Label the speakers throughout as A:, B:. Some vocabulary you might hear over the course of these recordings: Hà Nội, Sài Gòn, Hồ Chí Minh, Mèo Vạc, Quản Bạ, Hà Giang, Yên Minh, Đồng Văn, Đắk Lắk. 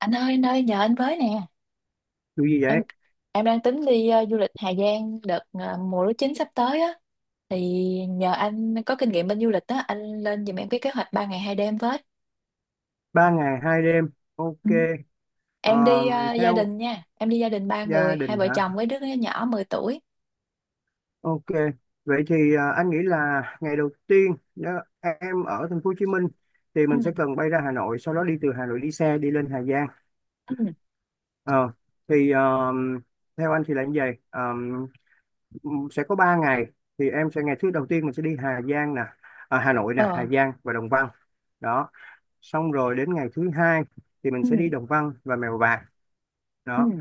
A: Anh ơi anh ơi, nhờ anh với nè.
B: Điều gì
A: em
B: vậy?
A: em đang tính đi du lịch Hà Giang đợt mùa lúa chín sắp tới á. Thì nhờ anh có kinh nghiệm bên du lịch á, anh lên giùm em cái kế hoạch 3 ngày 2 đêm với.
B: 3 ngày 2 đêm. Ok.
A: Ừ. Em
B: Ờ,
A: đi gia
B: theo
A: đình nha, em đi gia đình ba
B: gia
A: người hai
B: đình
A: vợ
B: hả?
A: chồng với đứa nhỏ 10 tuổi.
B: Ok. Vậy thì anh nghĩ là ngày đầu tiên nếu em ở thành phố Hồ Chí Minh thì
A: Ừ.
B: mình sẽ cần bay ra Hà Nội, sau đó đi từ Hà Nội đi xe đi lên Hà Giang.
A: Ừ.
B: Ờ, thì ờ, theo anh thì là như vậy. Ờ, sẽ có 3 ngày. Thì em sẽ ngày thứ đầu tiên mình sẽ đi Hà Giang nè, à, Hà Nội nè, Hà
A: Ờ.
B: Giang và Đồng Văn. Đó. Xong rồi đến ngày thứ hai thì mình
A: Ừ.
B: sẽ đi Đồng Văn và Mèo Vạc. Đó,
A: Ừ.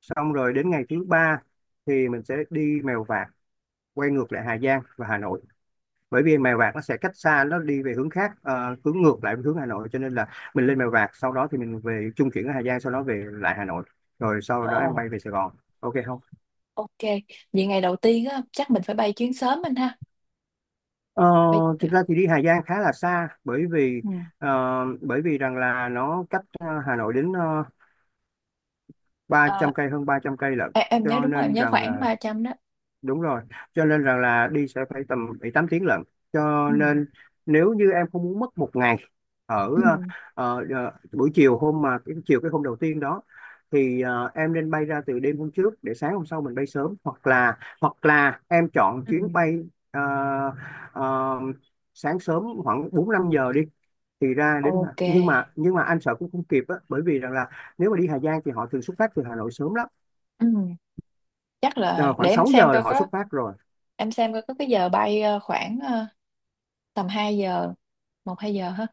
B: xong rồi đến ngày thứ ba thì mình sẽ đi Mèo Vạc quay ngược lại Hà Giang và Hà Nội, bởi vì Mèo Vạc nó sẽ cách xa, nó đi về hướng khác, hướng ngược lại hướng Hà Nội, cho nên là mình lên Mèo Vạc sau đó thì mình về trung chuyển ở Hà Giang, sau đó về lại Hà Nội, rồi sau đó em
A: Ờ.
B: bay về Sài Gòn. Ok không?
A: Ok. Vậy ngày đầu tiên á chắc mình phải bay chuyến sớm anh ha.
B: ờ,
A: bay
B: Thực ra thì đi Hà Giang khá là xa, bởi vì
A: ừ.
B: ờ, rằng là nó cách Hà Nội đến ba
A: Ờ,
B: trăm cây hơn 300 cây lận,
A: em nhớ
B: cho
A: đúng rồi, em
B: nên
A: nhớ
B: rằng
A: khoảng
B: là,
A: 300 đó.
B: đúng rồi, cho nên rằng là đi sẽ phải tầm 7 8 tiếng lận, cho
A: Ừ.
B: nên nếu như em không muốn mất một ngày ở
A: Ừ.
B: buổi chiều hôm mà cái hôm đầu tiên đó, thì em nên bay ra từ đêm hôm trước để sáng hôm sau mình bay sớm, hoặc là em chọn
A: Ừ.
B: chuyến bay ờ, ờ, sáng sớm khoảng 4 5 giờ đi thì ra đến,
A: Ok.
B: nhưng mà anh sợ cũng không kịp á, bởi vì rằng là nếu mà đi Hà Giang thì họ thường xuất phát từ Hà Nội sớm lắm.
A: Ừ, chắc là
B: Ờ, Khoảng
A: để
B: 6 giờ là họ xuất phát rồi.
A: Em xem coi có cái giờ bay khoảng tầm 2 giờ, 1 2 giờ hả.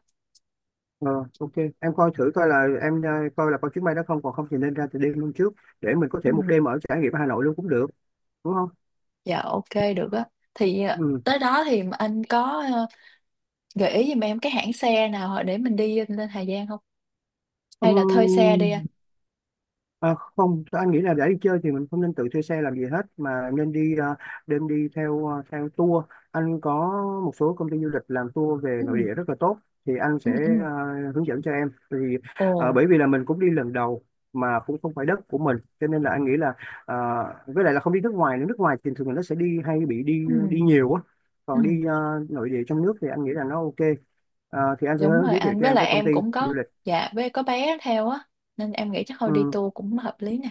B: Ờ, ok, em coi thử coi là em coi là có chuyến bay đó không, còn không thì nên ra từ đêm luôn trước, để mình có thể một
A: Ừ.
B: đêm ở trải nghiệm Hà Nội luôn cũng được, đúng không?
A: Dạ ok, được á. Thì
B: Ừ.
A: tới đó thì anh có gợi ý giùm em cái hãng xe nào để mình đi lên Hà Giang không, hay là thuê xe
B: Ừm,
A: đi anh?
B: à, không, anh nghĩ là để đi chơi thì mình không nên tự thuê xe làm gì hết, mà nên đi, nên đi theo, theo tour. Anh có một số công ty du lịch làm tour về
A: Ừ.
B: nội địa rất là tốt, thì anh
A: Ừ.
B: sẽ
A: Ừ.
B: à, hướng dẫn cho em. Thì
A: Ồ.
B: à, bởi vì là mình cũng đi lần đầu mà cũng không phải đất của mình, cho nên là anh nghĩ là à, với lại là không đi nước ngoài nữa. Nước ngoài thì thường là nó sẽ đi, hay bị đi
A: Ừ.
B: đi nhiều á.
A: Ừ.
B: Còn đi nội địa trong nước thì anh nghĩ là nó ok. À, thì anh sẽ
A: Đúng rồi
B: giới thiệu
A: anh,
B: cho
A: với
B: em
A: lại
B: cái công
A: em
B: ty
A: cũng
B: du
A: có.
B: lịch.
A: Dạ, với có bé theo á, nên em nghĩ chắc thôi đi
B: Ừ.
A: tour cũng hợp lý nè.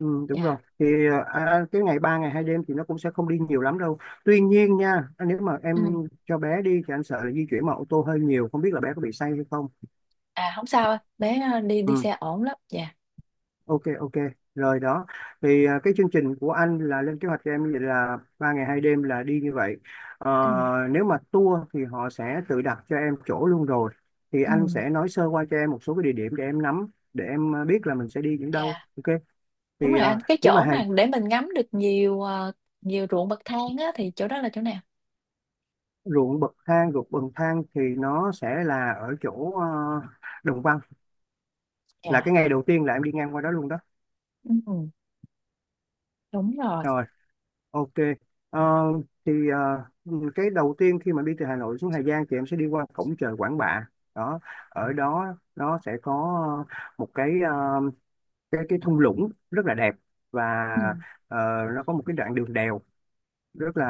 B: Ừ, đúng rồi,
A: Dạ.
B: thì cái ngày 3 ngày 2 đêm thì nó cũng sẽ không đi nhiều lắm đâu, tuy nhiên nha, nếu mà em
A: Ừ.
B: cho bé đi thì anh sợ là di chuyển bằng ô tô hơi nhiều, không biết là bé có bị say hay không.
A: À, không sao anh, bé đi đi
B: Ừ,
A: xe ổn lắm, dạ.
B: ok ok, rồi đó, thì à, cái chương trình của anh là lên kế hoạch cho em như vậy, là 3 ngày 2 đêm là đi như vậy. Ờ,
A: Ừ.
B: Nếu mà tour thì họ sẽ tự đặt cho em chỗ luôn rồi, thì
A: Ừ.
B: anh sẽ nói sơ qua cho em một số cái địa điểm để em nắm, để em biết là mình sẽ đi những đâu.
A: Dạ.
B: Ok,
A: Đúng
B: thì
A: rồi
B: à,
A: anh, cái
B: nếu mà
A: chỗ mà để mình ngắm được nhiều ruộng bậc thang á thì chỗ đó là chỗ nào?
B: ruộng bậc thang thì nó sẽ là ở chỗ Đồng Văn, là
A: Dạ.
B: cái ngày đầu tiên là em đi ngang qua đó luôn đó.
A: Ừ, đúng rồi.
B: Rồi, ok. Ờ, thì ờ, cái đầu tiên khi mà đi từ Hà Nội xuống Hà Giang thì em sẽ đi qua cổng chợ Quản Bạ, đó, ở đó nó sẽ có một cái cái thung lũng rất là đẹp, và
A: Ừ.
B: ờ, nó có một cái đoạn đường đèo rất là,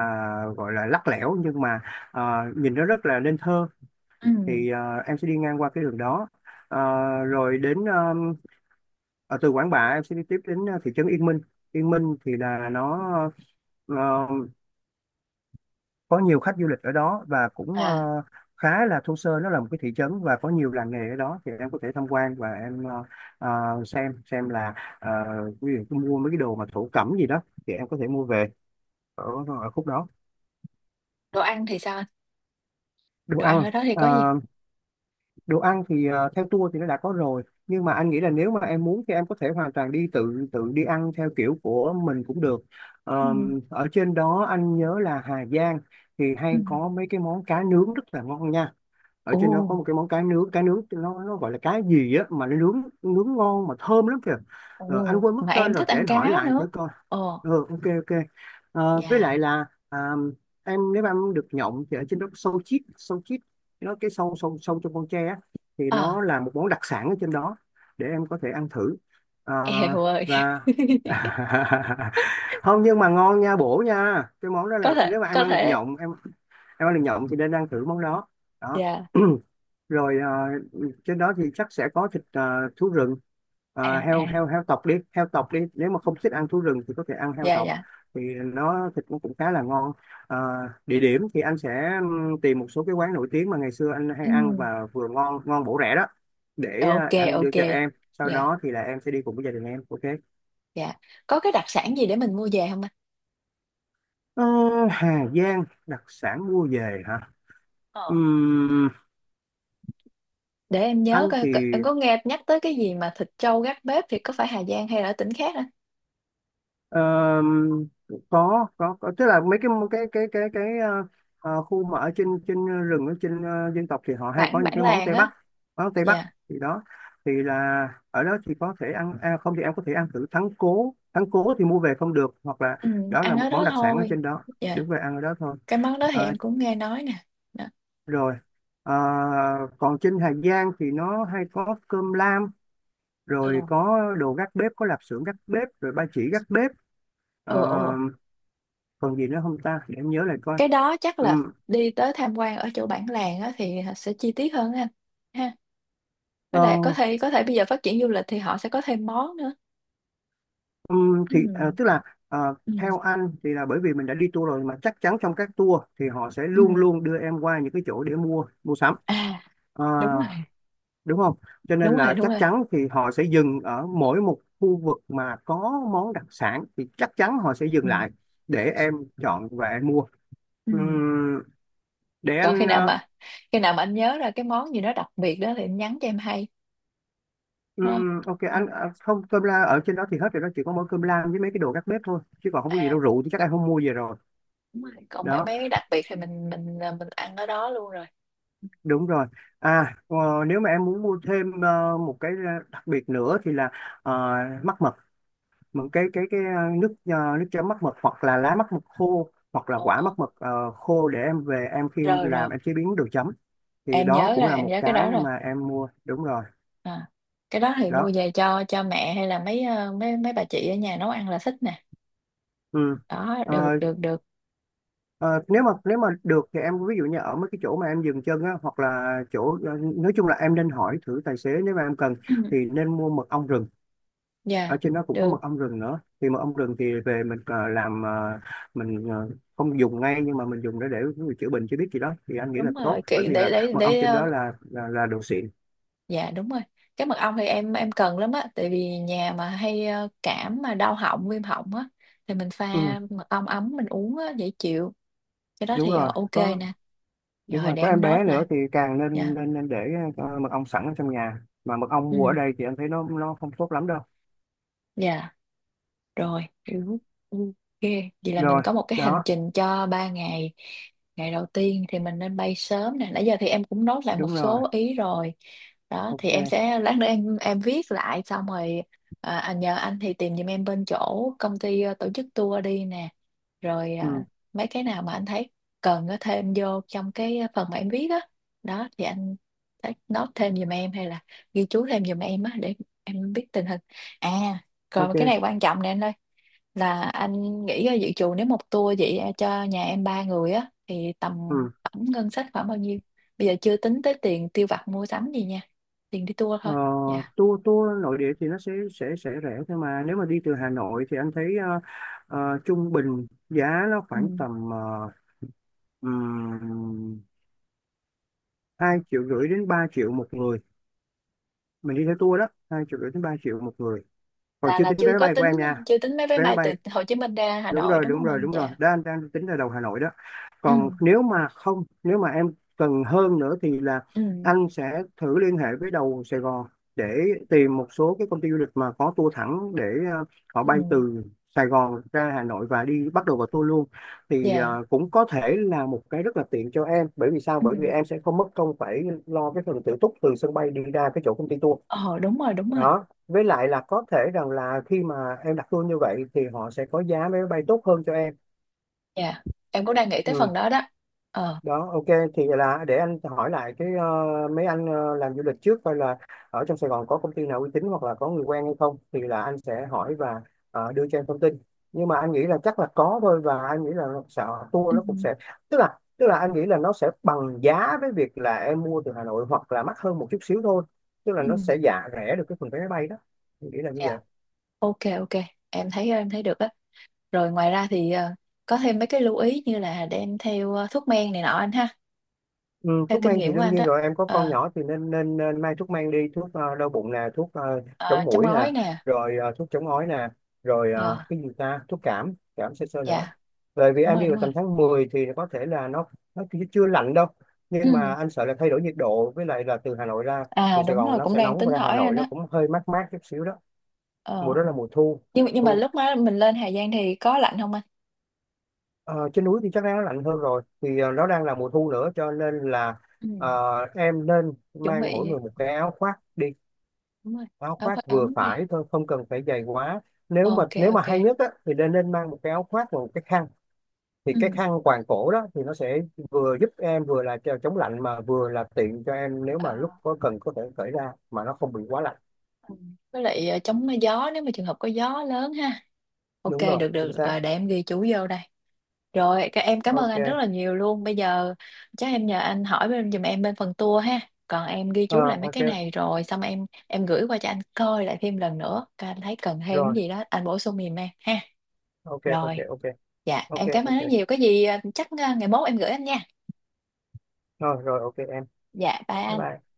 B: gọi là lắc lẻo, nhưng mà ờ, nhìn nó rất là nên thơ.
A: Ừ.
B: Thì em sẽ đi ngang qua cái đường đó. Ờ, Rồi đến, ờ, ở từ Quảng Bạ em sẽ đi tiếp đến thị trấn Yên Minh. Yên Minh thì là nó ờ, có nhiều khách du lịch ở đó, và cũng
A: À,
B: khá là thô sơ, nó là một cái thị trấn và có nhiều làng nghề ở đó, thì em có thể tham quan và em xem là, ờ, ví dụ như mua mấy cái đồ mà thổ cẩm gì đó thì em có thể mua về ở, ở khúc đó.
A: đồ ăn thì sao anh?
B: Đồ
A: Đồ ăn
B: ăn,
A: ở đó thì
B: ờ,
A: có gì?
B: đồ ăn thì theo tour thì nó đã có rồi, nhưng mà anh nghĩ là nếu mà em muốn thì em có thể hoàn toàn đi tự, đi ăn theo kiểu của mình cũng được.
A: Ừ.
B: Ở trên đó anh nhớ là Hà Giang thì
A: Ừ.
B: hay có mấy cái món cá nướng rất là ngon nha. Ở
A: Ồ,
B: trên đó có một cái món cá nướng, cá nướng nó gọi là cá gì á, mà nó nướng nướng ngon mà thơm lắm kìa. Anh
A: ồ,
B: quên
A: mà
B: mất tên
A: em
B: rồi,
A: thích
B: để
A: ăn
B: anh
A: cá
B: hỏi lại
A: nữa.
B: thử coi.
A: Ồ,
B: Ừ, ok ok. Với
A: dạ.
B: lại là em, nếu mà em được nhộng thì ở trên đó có sâu chít, nó cái sâu sâu sâu trong con tre á, thì
A: Ờ,
B: nó là một món đặc sản ở trên đó, để em có thể ăn thử. Ờ,
A: eo ơi.
B: và không, nhưng mà ngon nha, bổ nha. Cái món đó là
A: Có thể,
B: nếu mà em
A: có
B: ăn được
A: thể.
B: nhộng, em ăn được nhộng thì nên ăn thử món đó. Đó.
A: Dạ.
B: Rồi, trên đó thì chắc sẽ có thịt, thú rừng.
A: À,
B: Ờ,
A: à.
B: heo heo heo tộc đi, heo tộc đi, nếu mà không thích ăn thú rừng thì có thể ăn heo
A: Dạ,
B: tộc,
A: dạ.
B: thì nó thịt nó cũng khá là ngon. Ờ, Địa điểm thì anh sẽ tìm một số cái quán nổi tiếng mà ngày xưa anh hay
A: Ừ.
B: ăn và vừa ngon, bổ rẻ đó, để
A: Ok,
B: anh đưa
A: ok.
B: cho em, sau
A: Dạ,
B: đó thì là em sẽ đi cùng với gia đình em, ok.
A: dạ. Có cái đặc sản gì để mình mua về không anh?
B: Ờ, Hà Giang đặc sản mua về hả?
A: Ờ,
B: Ừm,
A: để em nhớ
B: anh
A: coi
B: thì
A: coi- em có nghe nhắc tới cái gì mà thịt trâu gác bếp, thì có phải Hà Giang hay là ở tỉnh khác á?
B: Ờ, có, tức là mấy cái khu mà ở trên, rừng, ở trên dân tộc thì họ hay có
A: bản
B: những
A: bản
B: cái món
A: làng
B: Tây
A: á.
B: Bắc, món Tây Bắc
A: Dạ.
B: thì đó, thì là ở đó thì có thể ăn à, không thì em có thể ăn thử thắng cố, thì mua về không được, hoặc là,
A: Ừ,
B: đó là
A: ăn
B: một
A: ở
B: món
A: đó
B: đặc sản ở
A: thôi.
B: trên đó,
A: Dạ,
B: đứng về ăn ở đó thôi.
A: cái món đó thì
B: Ờ,
A: em cũng nghe nói nè. Đó.
B: Rồi. Ờ, Còn trên Hà Giang thì nó hay có cơm lam,
A: Ờ.
B: rồi có đồ gác bếp, có lạp xưởng gác bếp, rồi ba chỉ gác bếp. Ờ,
A: Ờ. Ờ.
B: Còn gì nữa không ta, để em nhớ lại coi.
A: Cái đó chắc là
B: Ừm,
A: đi tới tham quan ở chỗ bản làng á thì sẽ chi tiết hơn á anh ha.
B: ờ,
A: Với lại có thể bây giờ phát triển du lịch thì họ sẽ có thêm món nữa.
B: thì
A: Ừ.
B: tức là ờ,
A: Ừ.
B: theo anh thì là, bởi vì mình đã đi tour rồi, mà chắc chắn trong các tour thì họ sẽ
A: Ừ.
B: luôn luôn đưa em qua những cái chỗ để mua mua sắm.
A: À,
B: Ờ,
A: đúng rồi,
B: Đúng không? Cho
A: đúng
B: nên
A: rồi,
B: là
A: đúng
B: chắc
A: rồi.
B: chắn thì họ sẽ dừng ở mỗi một khu vực mà có món đặc sản, thì chắc chắn họ sẽ dừng
A: Ừ.
B: lại để em chọn và em mua.
A: Ừ.
B: Ừm, để
A: Còn khi
B: anh
A: nào mà, anh nhớ ra cái món gì đó đặc biệt đó thì anh nhắn cho em hay. Đúng không?
B: ừm, ok. Anh không, cơm la ở trên đó thì hết rồi đó, chỉ có mỗi cơm lam với mấy cái đồ gác bếp thôi, chứ còn không có gì đâu,
A: À,
B: rượu thì chắc em không mua về rồi,
A: đúng rồi, còn mấy
B: đó,
A: mấy cái đặc biệt thì mình ăn ở đó luôn rồi.
B: đúng rồi. À, nếu mà em muốn mua thêm một cái đặc biệt nữa thì là ờ, mắc mật, một cái nước, nước chấm mắc mật, hoặc là lá mắc mật khô, hoặc là
A: Ồ,
B: quả
A: ồ.
B: mắc mật khô để em về em, khi em
A: Rồi, rồi,
B: làm em chế biến đồ chấm, thì
A: em
B: đó
A: nhớ
B: cũng
A: rồi,
B: là
A: em
B: một
A: nhớ cái
B: cái
A: đó rồi.
B: mà em mua, đúng rồi,
A: À, cái đó thì mua
B: đó.
A: về cho mẹ, hay là mấy ờ, mấy mấy bà chị ở nhà nấu ăn là thích nè. Đó, được,
B: Ừ.
A: được, được.
B: Ờ, nếu mà được thì em, ví dụ như ở mấy cái chỗ mà em dừng chân á, hoặc là chỗ nói chung là em nên hỏi thử tài xế nếu mà em cần
A: Ừ.
B: thì nên mua mật ong rừng. Ở
A: Dạ
B: trên đó cũng có
A: được,
B: mật ong rừng nữa, thì mật ong rừng thì về mình làm mình ờ, không dùng ngay, nhưng mà mình dùng để chữa bệnh chữa biết gì đó thì anh nghĩ là
A: đúng
B: tốt,
A: rồi.
B: bởi vì
A: Để
B: là
A: để
B: mật ong
A: để
B: trên đó là đồ xịn.
A: dạ đúng rồi. Cái mật ong thì em cần lắm á, tại vì nhà mà hay cảm mà đau họng, viêm họng á, thì mình pha
B: Ừ,
A: mật ong ấm mình uống á dễ chịu. Cái đó
B: đúng
A: thì
B: rồi,
A: ok
B: có.
A: nè.
B: Đúng
A: Rồi,
B: rồi,
A: để
B: có
A: em
B: em
A: nốt
B: bé
A: lại.
B: nữa thì càng
A: Dạ.
B: nên nên, nên để mật ong sẵn ở trong nhà, mà mật ong mua ở
A: Ừ.
B: đây thì anh thấy nó không tốt lắm đâu.
A: Dạ. Rồi, hiểu. Ừ, ok, vậy là mình
B: Rồi
A: có một cái hành
B: đó.
A: trình cho 3 ngày. Ngày đầu tiên thì mình nên bay sớm nè, nãy giờ thì em cũng nốt lại
B: Đúng
A: một
B: rồi.
A: số ý rồi. Đó, thì em
B: Ok.
A: sẽ lát nữa em viết lại xong rồi. À, anh, nhờ anh thì tìm giùm em bên chỗ công ty tổ chức tour đi nè. Rồi
B: Ừ,
A: à, mấy cái nào mà anh thấy cần có thêm vô trong cái phần mà em viết á. Đó, thì anh thấy note thêm giùm em, hay là ghi chú thêm giùm em á, để em biết tình hình. À, còn cái
B: ok.
A: này quan trọng nè anh ơi, là anh nghĩ ra dự trù nếu một tour vậy cho nhà em 3 người á thì tầm
B: Ừ.
A: tổng ngân sách khoảng bao nhiêu? Bây giờ chưa tính tới tiền tiêu vặt mua sắm gì nha, tiền đi tour
B: ờ,
A: thôi. Dạ.
B: tour tour nội địa thì nó sẽ rẻ thôi, mà nếu mà đi từ Hà Nội thì anh thấy trung bình giá nó
A: Ừ.
B: khoảng tầm ừm, 2,5 triệu đến 3 triệu một người. Mình đi theo tour đó 2,5 triệu đến 3 triệu một người, còn
A: là
B: chưa
A: là
B: tính
A: chưa
B: vé máy
A: có
B: bay của
A: tính,
B: em nha.
A: chưa tính mấy vé
B: Vé máy
A: bay từ
B: bay,
A: Hồ Chí Minh ra Hà
B: đúng
A: Nội
B: rồi
A: đúng
B: đúng
A: không
B: rồi
A: anh,
B: đúng rồi
A: dạ?
B: đó, anh đang tính ra đầu Hà Nội đó.
A: Ừ.
B: Còn nếu mà không, nếu mà em cần hơn nữa thì là
A: Ừ.
B: anh sẽ thử liên hệ với đầu Sài Gòn để tìm một số cái công ty du lịch mà có tour thẳng để ờ, họ
A: Ừ.
B: bay từ Sài Gòn ra Hà Nội và đi bắt đầu vào tour luôn. Thì
A: Dạ.
B: cũng có thể là một cái rất là tiện cho em, bởi vì sao, bởi vì
A: Ừ.
B: em sẽ không mất công phải lo cái phần tự túc từ sân bay đi ra cái chỗ công ty tour
A: Ờ đúng rồi, đúng rồi.
B: đó. Với lại là có thể rằng là khi mà em đặt tour như vậy thì họ sẽ có giá vé máy bay tốt hơn cho em.
A: Dạ. Em cũng đang nghĩ tới
B: Ừ.
A: phần đó đó. Ờ.
B: Đó, ok. Thì là để anh hỏi lại cái mấy anh làm du lịch trước coi là ở trong Sài Gòn có công ty nào uy tín hoặc là có người quen hay không, thì là anh sẽ hỏi và đưa cho em thông tin. Nhưng mà anh nghĩ là chắc là có thôi, và anh nghĩ là nó sẽ
A: Ừ.
B: tour nó cũng sẽ tức là anh nghĩ là nó sẽ bằng giá với việc là em mua từ Hà Nội, hoặc là mắc hơn một chút xíu thôi, tức là
A: Ừ.
B: nó sẽ giả rẻ được cái phần vé máy bay đó. Anh nghĩ là như vậy.
A: Dạ. Ok, ok. Em thấy được á. Rồi ngoài ra thì có thêm mấy cái lưu ý như là đem theo thuốc men này nọ anh ha.
B: Ừ,
A: Theo
B: thuốc
A: kinh
B: men thì
A: nghiệm của
B: đương
A: anh
B: nhiên
A: đó.
B: rồi, em có con
A: Ờ,
B: nhỏ thì nên nên, nên mang thuốc men đi. Thuốc đau bụng nè, thuốc
A: ờ,
B: chống
A: châm
B: muỗi nè,
A: gói nè.
B: rồi thuốc chống ói nè, rồi
A: Ờ,
B: cái gì ta, thuốc cảm cảm sơ sơ nữa.
A: dạ.
B: Bởi vì
A: Đúng
B: em
A: rồi,
B: đi
A: đúng
B: vào
A: rồi.
B: tầm tháng 10 thì có thể là nó chưa chưa lạnh đâu,
A: Ừ.
B: nhưng mà anh sợ là thay đổi nhiệt độ, với lại là từ Hà Nội ra,
A: À
B: từ Sài
A: đúng
B: Gòn
A: rồi,
B: nó
A: cũng
B: sẽ
A: đang
B: nóng và
A: tính
B: ra Hà
A: hỏi
B: Nội
A: anh
B: nó
A: á.
B: cũng hơi mát mát chút xíu đó.
A: Ờ.
B: Mùa đó là mùa thu.
A: Nhưng mà
B: Thu.
A: lúc mà mình lên Hà Giang thì có lạnh không anh?
B: Ờ, trên núi thì chắc đã lạnh hơn rồi, thì nó đang là mùa thu nữa cho nên là
A: Ừ.
B: em nên
A: Chuẩn
B: mang mỗi
A: bị,
B: người một cái áo khoác đi,
A: đúng rồi.
B: áo
A: Áo
B: khoác
A: khoác
B: vừa
A: ấm đi.
B: phải thôi không cần phải dày quá. Nếu mà
A: Ok,
B: hay
A: ok.
B: nhất á, thì nên nên mang một cái áo khoác và một cái khăn, thì
A: Ừ.
B: cái khăn quàng cổ đó thì nó sẽ vừa giúp em vừa là chống lạnh, mà vừa là tiện cho em nếu
A: Ờ.
B: mà lúc có cần có thể cởi ra mà nó không bị quá lạnh.
A: Ừ, với lại chống gió nếu mà trường hợp có gió lớn ha. Ok,
B: Đúng rồi,
A: được,
B: chính
A: được.
B: xác.
A: Ờ, để em ghi chú vô đây rồi. Các, em cảm ơn
B: Ok.
A: anh rất là nhiều luôn. Bây giờ chắc em nhờ anh hỏi bên, giùm em bên phần tour ha. Còn em ghi
B: Ờ,
A: chú lại mấy
B: ok.
A: cái này rồi xong, em gửi qua cho anh coi lại thêm lần nữa. Coi anh thấy cần thêm cái
B: Rồi.
A: gì đó anh bổ sung giùm em ha.
B: Ok ok
A: Rồi.
B: ok.
A: Dạ
B: Ok.
A: em cảm ơn
B: ok
A: rất nhiều, có gì chắc ngày mốt em gửi anh nha.
B: rồi rồi, ok em.
A: Dạ, bye
B: Bye
A: anh.
B: bye.